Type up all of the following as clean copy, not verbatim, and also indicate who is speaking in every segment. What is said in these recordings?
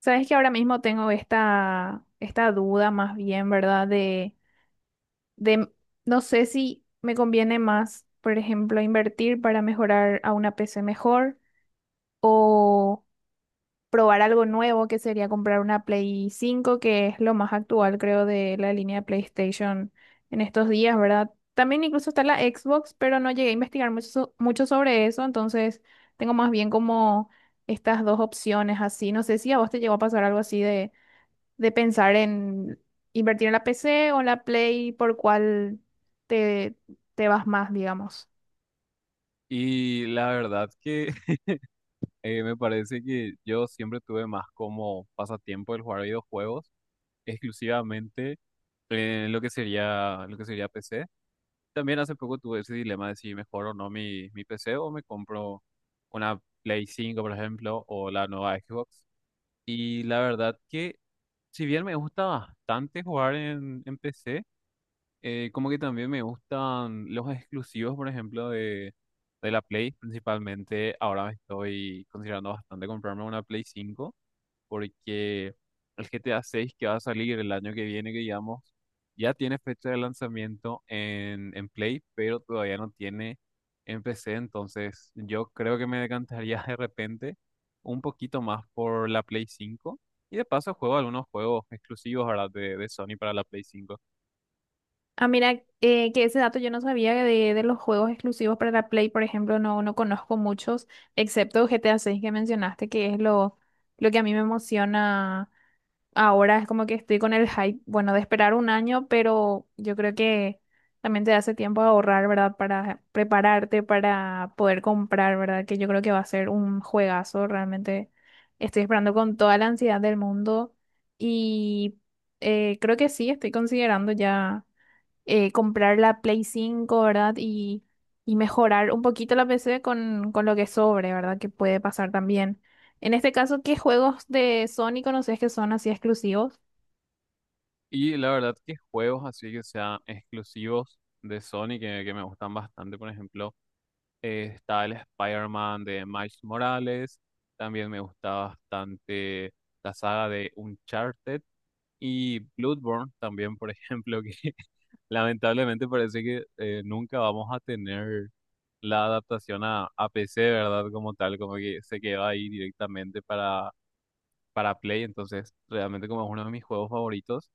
Speaker 1: Sabes que ahora mismo tengo esta duda más bien, ¿verdad? De, no sé si me conviene más, por ejemplo, invertir para mejorar a una PC mejor o probar algo nuevo, que sería comprar una Play cinco que es lo más actual, creo, de la línea de PlayStation en estos días, ¿verdad? También incluso está la Xbox, pero no llegué a investigar mucho, mucho sobre eso. Entonces tengo más bien como estas dos opciones así. No sé si a vos te llegó a pasar algo así, de pensar en invertir en la PC o en la Play, por cuál te, te vas más, digamos.
Speaker 2: Y la verdad que me parece que yo siempre tuve más como pasatiempo el jugar videojuegos, exclusivamente en lo que sería PC. También hace poco tuve ese dilema de si mejor o no mi PC o me compro una Play cinco por ejemplo, o la nueva Xbox. Y la verdad que si bien me gusta bastante jugar en PC, como que también me gustan los exclusivos, por ejemplo, de la Play. Principalmente ahora me estoy considerando bastante comprarme una Play cinco porque el GTA 6 que va a salir el año que viene, que digamos, ya tiene fecha de lanzamiento en Play, pero todavía no tiene en PC. Entonces yo creo que me decantaría de repente un poquito más por la Play cinco. Y de paso juego algunos juegos exclusivos ahora de Sony para la Play cinco.
Speaker 1: Ah, mira, que ese dato yo no sabía, de, los juegos exclusivos para la Play, por ejemplo. No, no conozco muchos, excepto GTA 6 que mencionaste, que es lo que a mí me emociona. Ahora es como que estoy con el hype, bueno, de esperar un año, pero yo creo que también te hace tiempo a ahorrar, ¿verdad? Para prepararte, para poder comprar, ¿verdad? Que yo creo que va a ser un juegazo. Realmente estoy esperando con toda la ansiedad del mundo y creo que sí, estoy considerando ya comprar la Play cinco, ¿verdad? Y mejorar un poquito la PC con lo que sobre, ¿verdad? Que puede pasar también. En este caso, ¿qué juegos de Sony conoces que son así exclusivos?
Speaker 2: Y la verdad que juegos así que sean exclusivos de Sony que me gustan bastante, por ejemplo, está el Spider-Man de Miles Morales, también me gusta bastante la saga de Uncharted y Bloodborne también, por ejemplo, que lamentablemente parece que nunca vamos a tener la adaptación a PC, ¿verdad? Como tal, como que se queda ahí directamente para Play, entonces realmente como es uno de mis juegos favoritos.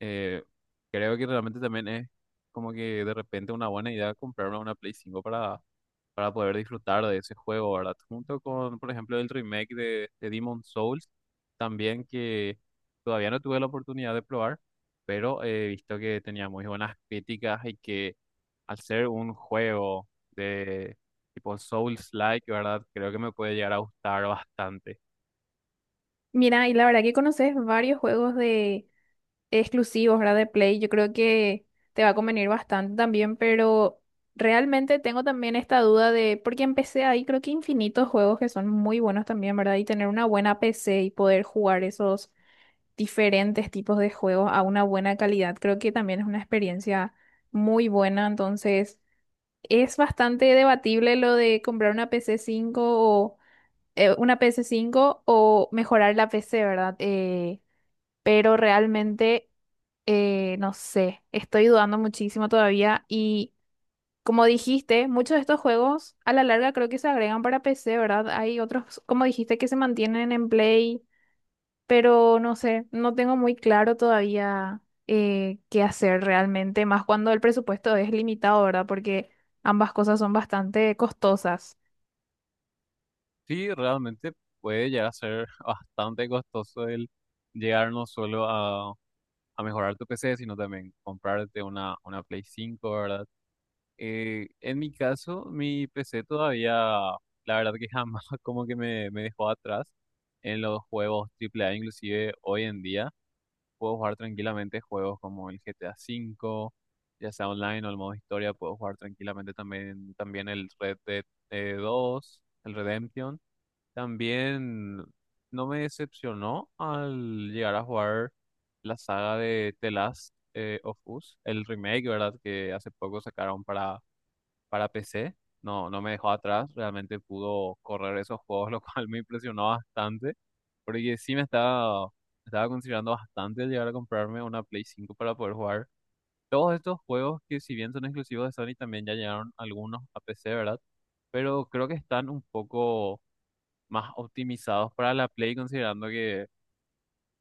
Speaker 2: Eh, Creo que realmente también es como que de repente una buena idea comprarme una Play cinco para poder disfrutar de ese juego, ¿verdad? Junto con, por ejemplo, el remake de Demon Souls, también que todavía no tuve la oportunidad de probar, pero he visto que tenía muy buenas críticas y que al ser un juego de tipo Souls-like, ¿verdad? Creo que me puede llegar a gustar bastante.
Speaker 1: Mira, y la verdad que conoces varios juegos de exclusivos, ¿verdad? De Play. Yo creo que te va a convenir bastante también, pero realmente tengo también esta duda de, porque empecé ahí, creo que infinitos juegos que son muy buenos también, ¿verdad? Y tener una buena PC y poder jugar esos diferentes tipos de juegos a una buena calidad. Creo que también es una experiencia muy buena. Entonces, es bastante debatible lo de comprar una PC 5 o una PC 5 o mejorar la PC, ¿verdad? Pero realmente, no sé, estoy dudando muchísimo todavía y. Como dijiste, muchos de estos juegos a la larga creo que se agregan para PC, ¿verdad? Hay otros, como dijiste, que se mantienen en Play, pero no sé, no tengo muy claro todavía qué hacer realmente, más cuando el presupuesto es limitado, ¿verdad? Porque ambas cosas son bastante costosas.
Speaker 2: Sí, realmente puede llegar a ser bastante costoso el llegar no solo a mejorar tu PC, sino también comprarte una Play 5, ¿verdad? En mi caso, mi PC todavía, la verdad que jamás como que me dejó atrás en los juegos AAA, inclusive hoy en día puedo jugar tranquilamente juegos como el GTA V, ya sea online o el modo historia, puedo jugar tranquilamente también, también el Red Dead 2, el Redemption. También no me decepcionó al llegar a jugar la saga de The Last of Us, el remake, ¿verdad? Que hace poco sacaron para PC. No me dejó atrás, realmente pudo correr esos juegos, lo cual me impresionó bastante, porque sí estaba considerando bastante el llegar a comprarme una Play 5 para poder jugar todos estos juegos que si bien son exclusivos de Sony, también ya llegaron algunos a PC, ¿verdad? Pero creo que están un poco más optimizados para la Play, considerando que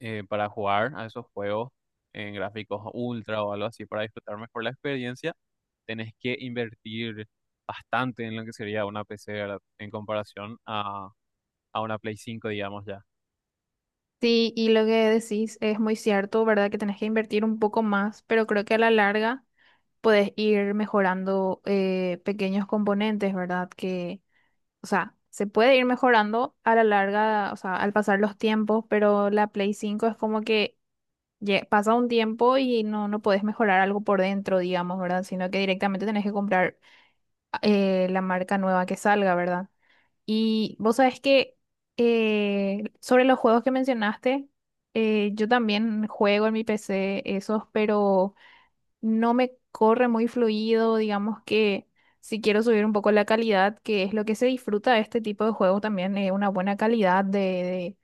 Speaker 2: para jugar a esos juegos en gráficos ultra o algo así, para disfrutar mejor la experiencia, tenés que invertir bastante en lo que sería una PC, ¿verdad? En comparación a una Play cinco digamos ya.
Speaker 1: Sí, y lo que decís es muy cierto, ¿verdad? Que tenés que invertir un poco más, pero creo que a la larga puedes ir mejorando pequeños componentes, ¿verdad? Que, o sea, se puede ir mejorando a la larga, o sea, al pasar los tiempos, pero la Play cinco es como que pasa un tiempo y no, no podés mejorar algo por dentro, digamos, ¿verdad? Sino que directamente tenés que comprar la marca nueva que salga, ¿verdad? Y vos sabés que, sobre los juegos que mencionaste, yo también juego en mi PC esos, pero no me corre muy fluido. Digamos que si quiero subir un poco la calidad, que es lo que se disfruta de este tipo de juegos también, una buena calidad de,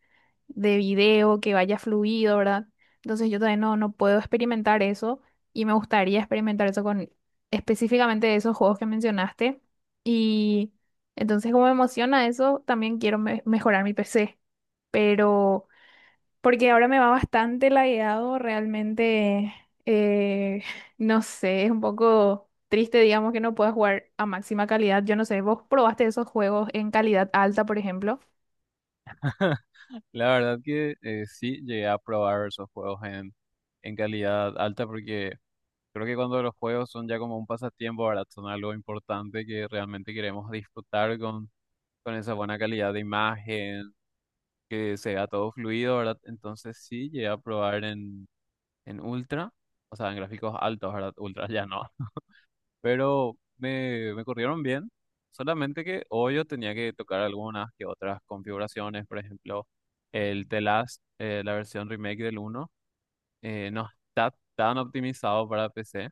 Speaker 1: de video, que vaya fluido, ¿verdad? Entonces yo todavía no, no puedo experimentar eso, y me gustaría experimentar eso con específicamente esos juegos que mencionaste. Y entonces, como me emociona eso, también quiero mejorar mi PC, pero porque ahora me va bastante lagueado, realmente, eh, no sé, es un poco triste, digamos, que no pueda jugar a máxima calidad. Yo no sé, ¿vos probaste esos juegos en calidad alta, por ejemplo?
Speaker 2: La verdad que sí llegué a probar esos juegos en calidad alta porque creo que cuando los juegos son ya como un pasatiempo, ¿verdad? Son algo importante que realmente queremos disfrutar con esa buena calidad de imagen, que se vea todo fluido, ¿verdad? Entonces sí, llegué a probar en ultra, o sea, en gráficos altos, ¿verdad? Ultra ya no. Pero me corrieron bien, solamente que hoy yo tenía que tocar algunas que otras configuraciones, por ejemplo, el The Last, la versión remake del uno. No está tan optimizado para PC,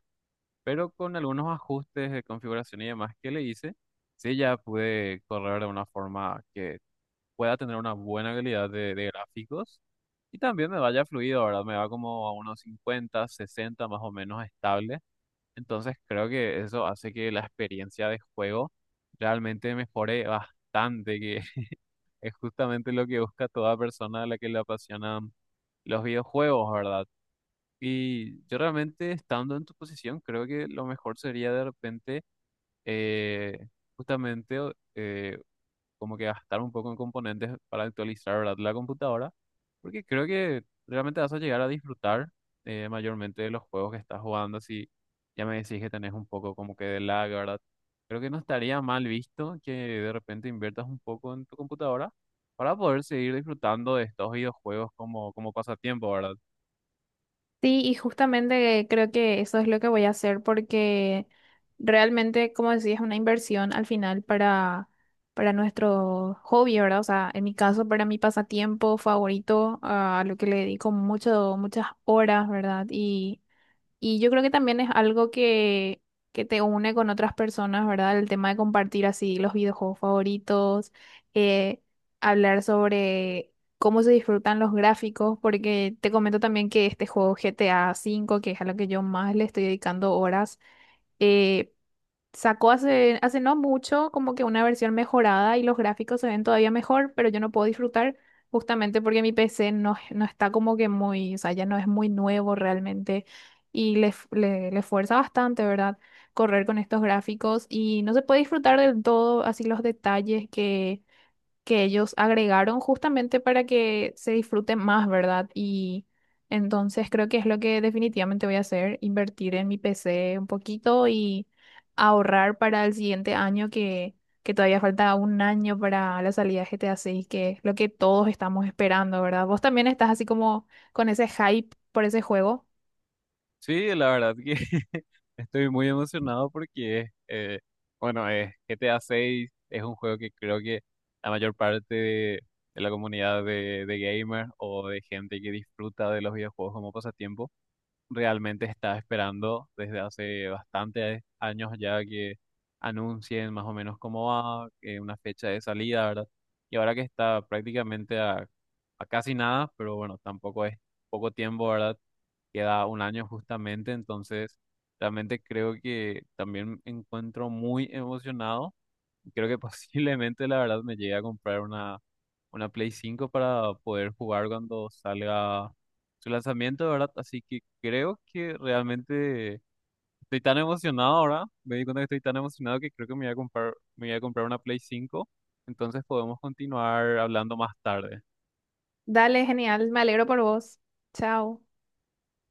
Speaker 2: pero con algunos ajustes de configuración y demás que le hice, sí ya pude correr de una forma que pueda tener una buena calidad de gráficos y también me vaya fluido, ¿verdad? Me va como a unos 50, 60 más o menos estable. Entonces creo que eso hace que la experiencia de juego realmente mejore bastante, que es justamente lo que busca toda persona a la que le apasionan los videojuegos, ¿verdad? Y yo realmente estando en tu posición, creo que lo mejor sería de repente eh, justamente eh, como que gastar un poco en componentes para actualizar, ¿verdad? La computadora, porque creo que realmente vas a llegar a disfrutar mayormente de los juegos que estás jugando, si ya me decís que tenés un poco como que de lag, ¿verdad? Creo que no estaría mal visto que de repente inviertas un poco en tu computadora para poder seguir disfrutando de estos videojuegos como pasatiempo, ¿verdad?
Speaker 1: Sí, y justamente creo que eso es lo que voy a hacer, porque realmente, como decía, es una inversión al final para nuestro hobby, ¿verdad? O sea, en mi caso, para mi pasatiempo favorito, ah, a lo que le dedico mucho, muchas horas, ¿verdad? Y yo creo que también es algo que te une con otras personas, ¿verdad? El tema de compartir así los videojuegos favoritos, eh, hablar sobre cómo se disfrutan los gráficos, porque te comento también que este juego GTA V, que es a lo que yo más le estoy dedicando horas, eh, sacó hace no mucho como que una versión mejorada, y los gráficos se ven todavía mejor, pero yo no puedo disfrutar justamente porque mi PC no, no está como que muy, o sea, ya no es muy nuevo realmente, y le fuerza bastante, ¿verdad? Correr con estos gráficos, y no se puede disfrutar del todo así los detalles que ellos agregaron justamente para que se disfrute más, ¿verdad? Y entonces creo que es lo que definitivamente voy a hacer: invertir en mi PC un poquito y ahorrar para el siguiente año, que todavía falta un año para la salida de GTA 6, que es lo que todos estamos esperando, ¿verdad? Vos también estás así como con ese hype por ese juego.
Speaker 2: Sí, la verdad que estoy muy emocionado porque, es, bueno, es GTA 6 es un juego que creo que la mayor parte de la comunidad de gamers o de gente que disfruta de los videojuegos como pasatiempo realmente está esperando desde hace bastantes años ya que anuncien más o menos cómo va, una fecha de salida, ¿verdad? Y ahora que está prácticamente a casi nada, pero bueno, tampoco es poco tiempo, ¿verdad? Queda un año justamente, entonces realmente creo que también me encuentro muy emocionado. Creo que posiblemente la verdad me llegue a comprar una Play cinco para poder jugar cuando salga su lanzamiento, ¿verdad? Así que creo que realmente estoy tan emocionado ahora, me di cuenta que estoy tan emocionado que creo que me voy a comprar una Play cinco entonces podemos continuar hablando más tarde.
Speaker 1: Dale, genial, me alegro por vos. Chao.